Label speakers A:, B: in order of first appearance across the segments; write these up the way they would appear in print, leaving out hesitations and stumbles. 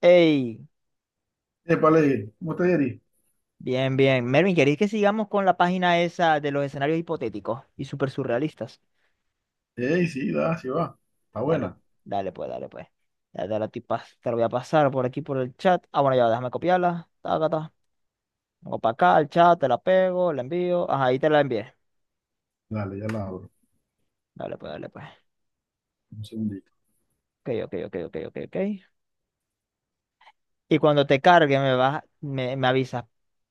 A: Hey,
B: Épale, ¿cómo está Yeri?
A: bien, bien. Mervin, ¿queréis que sigamos con la página esa de los escenarios hipotéticos y súper surrealistas?
B: Ey, sí, da, sí va. Está
A: Dale,
B: buena.
A: dale pues, dale pues. Ya te la, te la voy a pasar por aquí por el chat. Ah, bueno, ya, déjame copiarla. Taca, ta. Vengo para acá, al chat, te la pego, la envío. Ajá, ahí te la envié.
B: Dale, ya la abro.
A: Dale pues, dale pues.
B: Un segundito.
A: Ok, ok, ok, ok, ok, ok. Y cuando te cargue me avisas,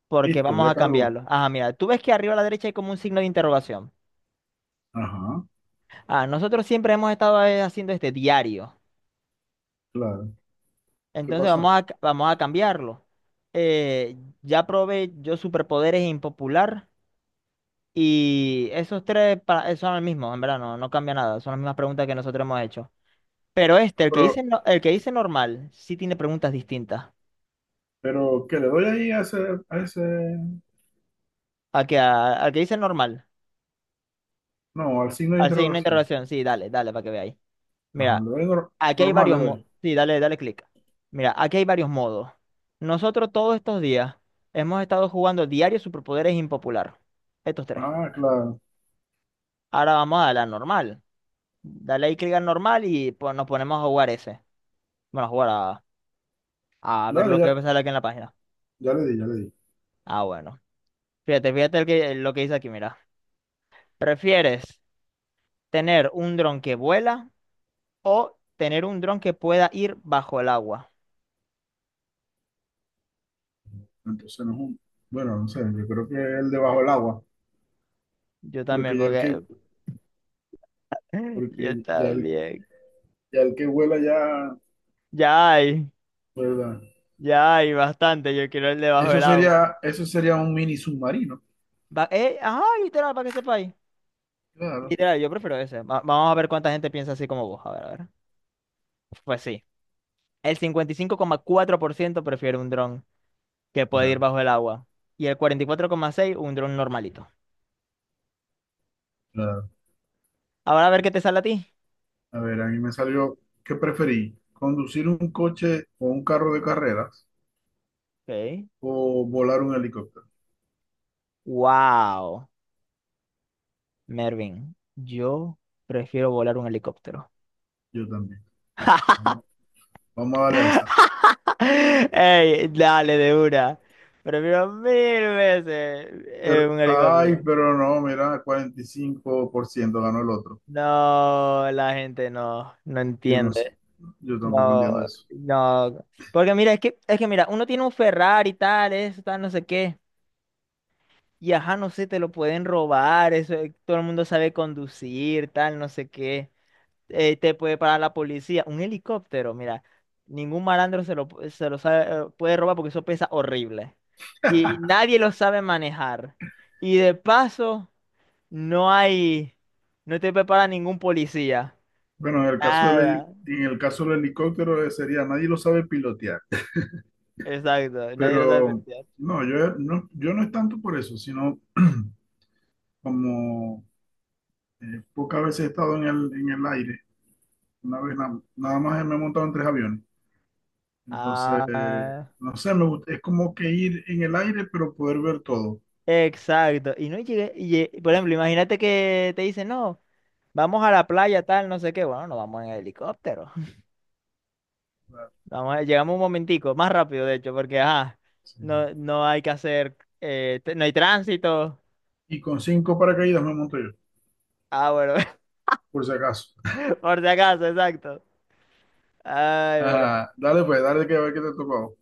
A: porque
B: Listo,
A: vamos
B: ya
A: a
B: cargo.
A: cambiarlo. Ajá, mira, tú ves que arriba a la derecha hay como un signo de interrogación.
B: Ajá,
A: Ah, nosotros siempre hemos estado haciendo este diario.
B: claro. ¿Qué
A: Entonces
B: pasa?
A: vamos a cambiarlo. Ya probé yo superpoderes impopular y esos tres para, son los mismos, en verdad, no, no cambia nada, son las mismas preguntas que nosotros hemos hecho. Pero este,
B: Ah,
A: el que
B: Pero,
A: dice, no- el que dice normal, sí tiene preguntas distintas.
B: pero, ¿qué le doy ahí a ese?
A: Al que dice normal,
B: No, al signo de
A: a ver si hay una
B: interrogación.
A: interrogación, sí, dale, dale, para que veáis.
B: Ajá,
A: Mira,
B: le doy
A: aquí hay
B: normal, le
A: varios modos,
B: doy.
A: sí, dale, dale clic. Mira, aquí hay varios modos. Nosotros todos estos días hemos estado jugando diario superpoderes impopular, estos tres.
B: Ah, claro.
A: Ahora vamos a la normal. Dale ahí clic al normal y pues, nos ponemos a jugar ese. Bueno, a ver
B: Dale,
A: lo que
B: ya,
A: sale aquí en la página.
B: ya le di, ya le di.
A: Ah, bueno. Fíjate, lo que dice aquí, mira. ¿Prefieres tener un dron que vuela o tener un dron que pueda ir bajo el agua?
B: Entonces no es un. Bueno, no sé, yo creo que el debajo del agua.
A: Yo también,
B: Porque ya el
A: porque
B: que,
A: yo
B: porque
A: también.
B: ya el que vuela ya,
A: Ya hay,
B: ¿verdad?
A: ya hay bastante. Yo quiero el de bajo
B: Eso
A: el agua.
B: sería, eso sería un mini submarino.
A: Ajá, literal, para que sepáis.
B: Claro.
A: Literal, yo prefiero ese. Vamos a ver cuánta gente piensa así como vos. A ver, a ver. Pues sí. El 55,4% prefiere un dron que puede ir
B: Claro,
A: bajo el agua. Y el 44,6% un dron normalito.
B: claro.
A: Ahora a ver qué te sale a ti.
B: A ver, a mí me salió, ¿qué preferí? ¿Conducir un coche o un carro de carreras
A: Ok.
B: o volar un helicóptero?
A: Wow. Mervin, yo prefiero volar un helicóptero.
B: Yo también. Vamos, vamos a darle a esa.
A: Ey, dale de una. Prefiero 1000 veces
B: Pero,
A: un
B: ay,
A: helicóptero.
B: pero no, mira, 45% ganó el otro.
A: No, la gente no, no
B: Yo no sé,
A: entiende.
B: yo tampoco entiendo
A: No,
B: eso.
A: no. Porque mira, es que mira, uno tiene un Ferrari y tal, eso, tal, no sé qué. Y ajá, no sé, te lo pueden robar, eso, todo el mundo sabe conducir, tal, no sé qué. Te puede parar la policía. Un helicóptero, mira, ningún malandro se lo, pu- se lo sabe, puede robar porque eso pesa horrible. Y nadie lo sabe manejar. Y de paso, no hay, no te prepara ningún policía.
B: Bueno,
A: Nada.
B: en el caso del helicóptero, sería, nadie lo sabe pilotear,
A: Exacto, nadie lo sabe
B: pero
A: pelear.
B: no, yo no es tanto por eso, sino como pocas veces he estado en el aire. Una vez nada más me he montado en tres aviones. Entonces,
A: Ah,
B: no sé, me gusta, es como que ir en el aire, pero poder ver todo.
A: exacto. Y no llegué, y, lle- por ejemplo, imagínate que te dicen, no. Vamos a la playa, tal, no sé qué. Bueno, nos vamos en helicóptero. Llegamos un momentico, más rápido de hecho, porque ajá,
B: Sí.
A: no, no hay que hacer, t- no hay tránsito.
B: Y con cinco paracaídas me monto yo,
A: Ah, bueno,
B: por si acaso.
A: por si acaso, exacto. Ay, pero,
B: Ah, dale pues, dale que a ver qué te ha tocado.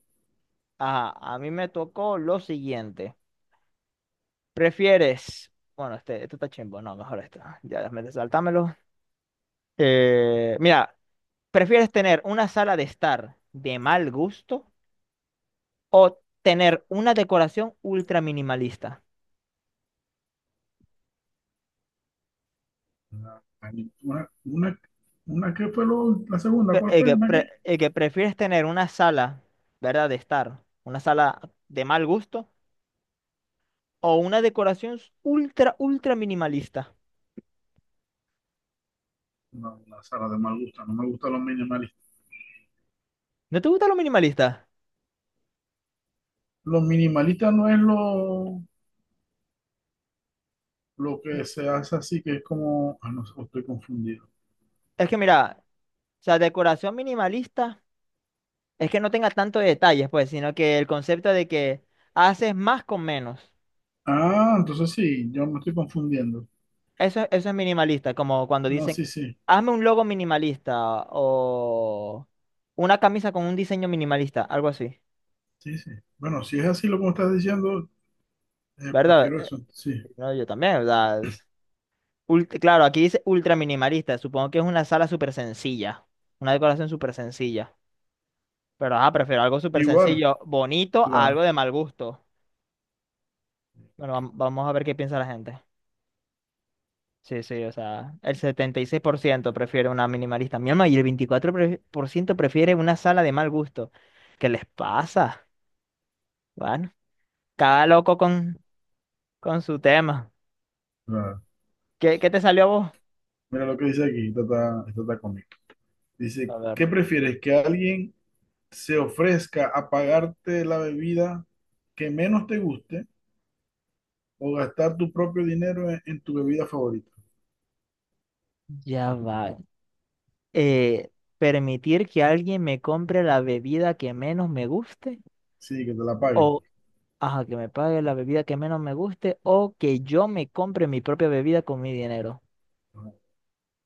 A: ajá, a mí me tocó lo siguiente. ¿Prefieres? Bueno, este, esto está chimbo, no, mejor esto. Sáltamelo. Mira, ¿prefieres tener una sala de estar de mal gusto o tener una decoración ultra minimalista?
B: Ah, Una, una, una que fue la segunda, ¿cuál fue? ¿Una qué?
A: El que prefieres tener una sala, ¿verdad? De estar, una sala de mal gusto o una decoración ultra minimalista.
B: No, la sala de mal gusto, no me gusta los minimalistas.
A: ¿No te gusta lo minimalista?
B: Los minimalistas no es lo
A: N-
B: que se hace así, que es como, ah, no, estoy confundido.
A: Es que mira, o sea, decoración minimalista es que no tenga tanto detalles, pues, sino que el concepto de que haces más con menos.
B: Ah, entonces sí, yo me estoy confundiendo.
A: Eso es minimalista, como cuando
B: No,
A: dicen,
B: sí, sí.
A: hazme un logo minimalista o una camisa con un diseño minimalista, algo así,
B: Sí, sí. Bueno, si es así lo como estás diciendo,
A: ¿verdad?
B: prefiero
A: Eh,
B: eso. Sí.
A: No, yo también, ¿verdad? Claro, aquí dice ultra minimalista. Supongo que es una sala súper sencilla. Una decoración súper sencilla. Pero ajá, prefiero algo súper
B: Igual,
A: sencillo, bonito, a
B: la,
A: algo de mal gusto. Bueno, vamos a ver qué piensa la gente. Sí, sí, o sea, el 76% prefiere una minimalista. Mi alma, y el 24% prefiere una sala de mal gusto. ¿Qué les pasa? Bueno, cada loco con, con su tema.
B: la-
A: ¿Qué, qué te salió a vos?
B: mira lo que dice aquí, esta está conmigo. Dice,
A: A ver.
B: ¿qué prefieres? ¿Que alguien se ofrezca a pagarte la bebida que menos te guste o gastar tu propio dinero en tu bebida favorita?
A: Ya va. eh, permitir que alguien me compre la bebida que menos me guste
B: Sí, que te la pague, pues.
A: o ajá, que me pague la bebida que menos me guste o que yo me compre mi propia bebida con mi dinero.
B: Ajá.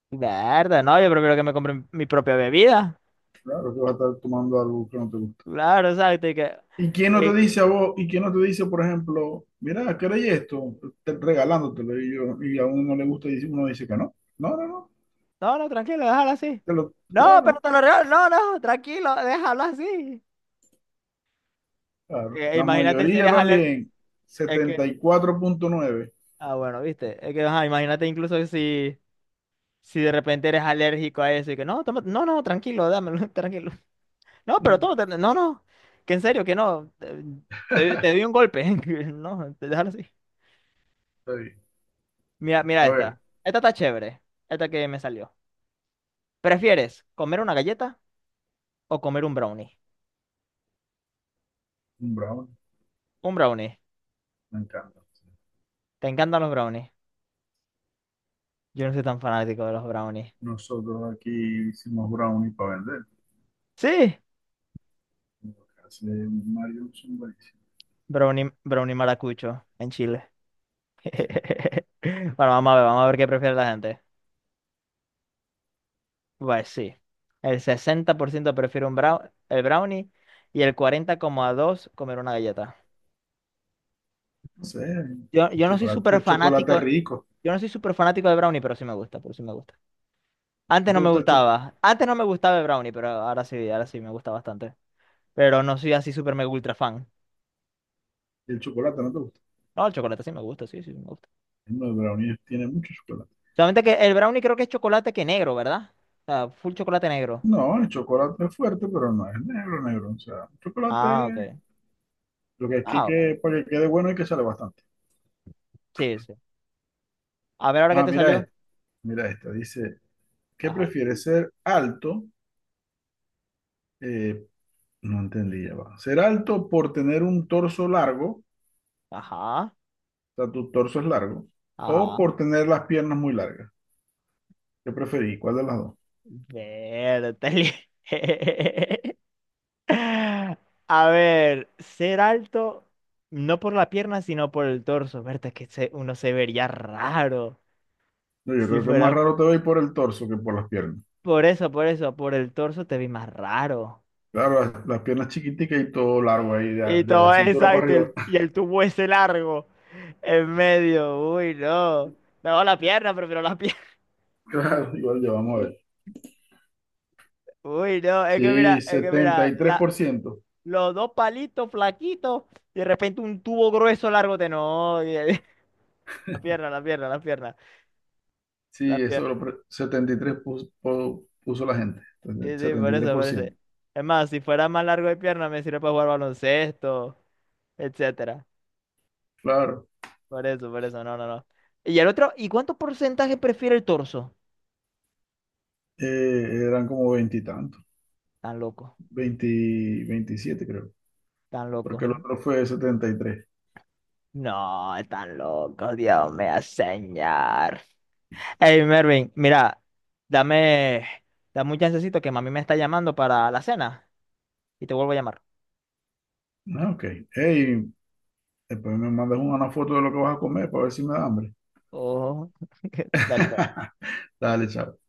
A: Verdad, no, yo prefiero que me compre mi propia bebida.
B: Claro que vas a estar tomando algo que no te gusta.
A: Claro, exacto.
B: ¿Y quién no te
A: Eh,
B: dice a vos? ¿Y quién no te dice, por ejemplo, mira, ¿queréis esto? Regalándotelo y, y a uno no le gusta y uno dice que no. No, no, no.
A: no, no, tranquilo, déjalo así. No, pero
B: Claro,
A: te lo regalo. No, no, tranquilo, déjalo así.
B: claro. La
A: Imagínate si
B: mayoría
A: eres alérgico.
B: también,
A: Es que,
B: 74.9.
A: bueno, viste. Es que, ajá, imagínate incluso si, si de repente eres alérgico a eso y que, no, no, tranquilo, dámelo, tranquilo.
B: Ujú.
A: No, no, que en serio, que no. Te di un golpe. No, te- déjalo así.
B: Está bien.
A: Mira, mira
B: A ver,
A: esta. Esta está chévere. Esta que me salió. ¿Prefieres comer una galleta o comer un brownie?
B: un brownie,
A: Un brownie.
B: me encanta.
A: ¿Te encantan los brownies? Yo no soy tan fanático de los brownies.
B: Nosotros aquí hicimos brownie para vender.
A: Sí,
B: Lo que hace Mario son buenísimos.
A: brownie, brownie maracucho en Chile. Bueno, vamos a ver qué prefiere la gente. Pues sí, el 60% prefiere un brownie, el brownie y el 40,2% comer una galleta.
B: No sé, el
A: Yo no soy
B: chocolate,
A: súper
B: el chocolate es
A: fanático,
B: rico.
A: yo no soy súper fanático de Brownie, pero sí me gusta, pero sí me gusta.
B: ¿No
A: Antes
B: te
A: no me
B: gusta
A: gustaba, antes no me gustaba el Brownie, pero ahora sí me gusta bastante. Pero no soy así súper mega ultra fan.
B: el chocolate? ¿No te gusta?
A: No, el chocolate sí me gusta, sí, sí me gusta.
B: No, el brownie tiene mucho chocolate.
A: Solamente que el Brownie creo que es chocolate que negro, ¿verdad? O sea, full chocolate negro.
B: No, el chocolate es fuerte, pero no es negro, negro. O sea, el
A: Ah, ok.
B: chocolate, lo que aquí
A: Ah, bueno.
B: que para que quede bueno hay que sale bastante.
A: Sí, sí. A ver ahora qué
B: Ah,
A: te
B: mira
A: salió.
B: esto, mira esto. Dice, ¿qué
A: Ajá,
B: prefieres? ¿Ser alto? eh, no entendí, ya va. ¿Ser alto por tener un torso largo?
A: ajá,
B: O sea, tu torso es largo. ¿O
A: ajá.
B: por tener las piernas muy largas? ¿Qué preferís? ¿Cuál de las dos?
A: Verde. A ver, ser alto, no por la pierna, sino por el torso. Uno se vería raro.
B: No, yo
A: Si
B: creo que
A: fuera
B: más raro
A: po-
B: te va por el torso que por las piernas.
A: por, eso, por eso, por el torso te vi más raro.
B: Claro, las piernas chiquiticas y todo largo ahí, de,
A: Y
B: de la
A: todo
B: cintura para
A: exacto,
B: arriba.
A: y el tubo ese largo en medio. Uy, no. No, la pierna, prefiero la pierna.
B: Claro, igual ya vamos a ver.
A: Uy, no, es que
B: Sí,
A: mira, es que
B: setenta
A: mira,
B: y tres
A: la,
B: por ciento.
A: los dos palitos flaquitos y de repente un tubo grueso largo de no. La pierna, la pierna, la pierna. La
B: Sí,
A: pierna.
B: eso 73 puso, puso la gente.
A: Sí,
B: Entonces,
A: sí,
B: setenta
A: por
B: y tres
A: eso,
B: por
A: por eso.
B: ciento.
A: Es más, si fuera más largo de pierna, me sirve para jugar baloncesto, etcétera.
B: Claro,
A: Por eso, no, no, no. Y el otro, ¿y cuánto porcentaje prefiere el torso?
B: eran como veintitantos.
A: Tan loco,
B: 20 27 creo.
A: tan
B: Porque
A: loco.
B: el otro fue 73.
A: No, tan loco, Dios mío, señor. Hey, Mervin, mira, dame, dame un chancecito que mami me está llamando para la cena y te vuelvo a llamar.
B: Ah, ok. Hey, después me mandas una foto de lo que vas a comer para ver si me da hambre.
A: Oh, dale, pues.
B: Dale, chao.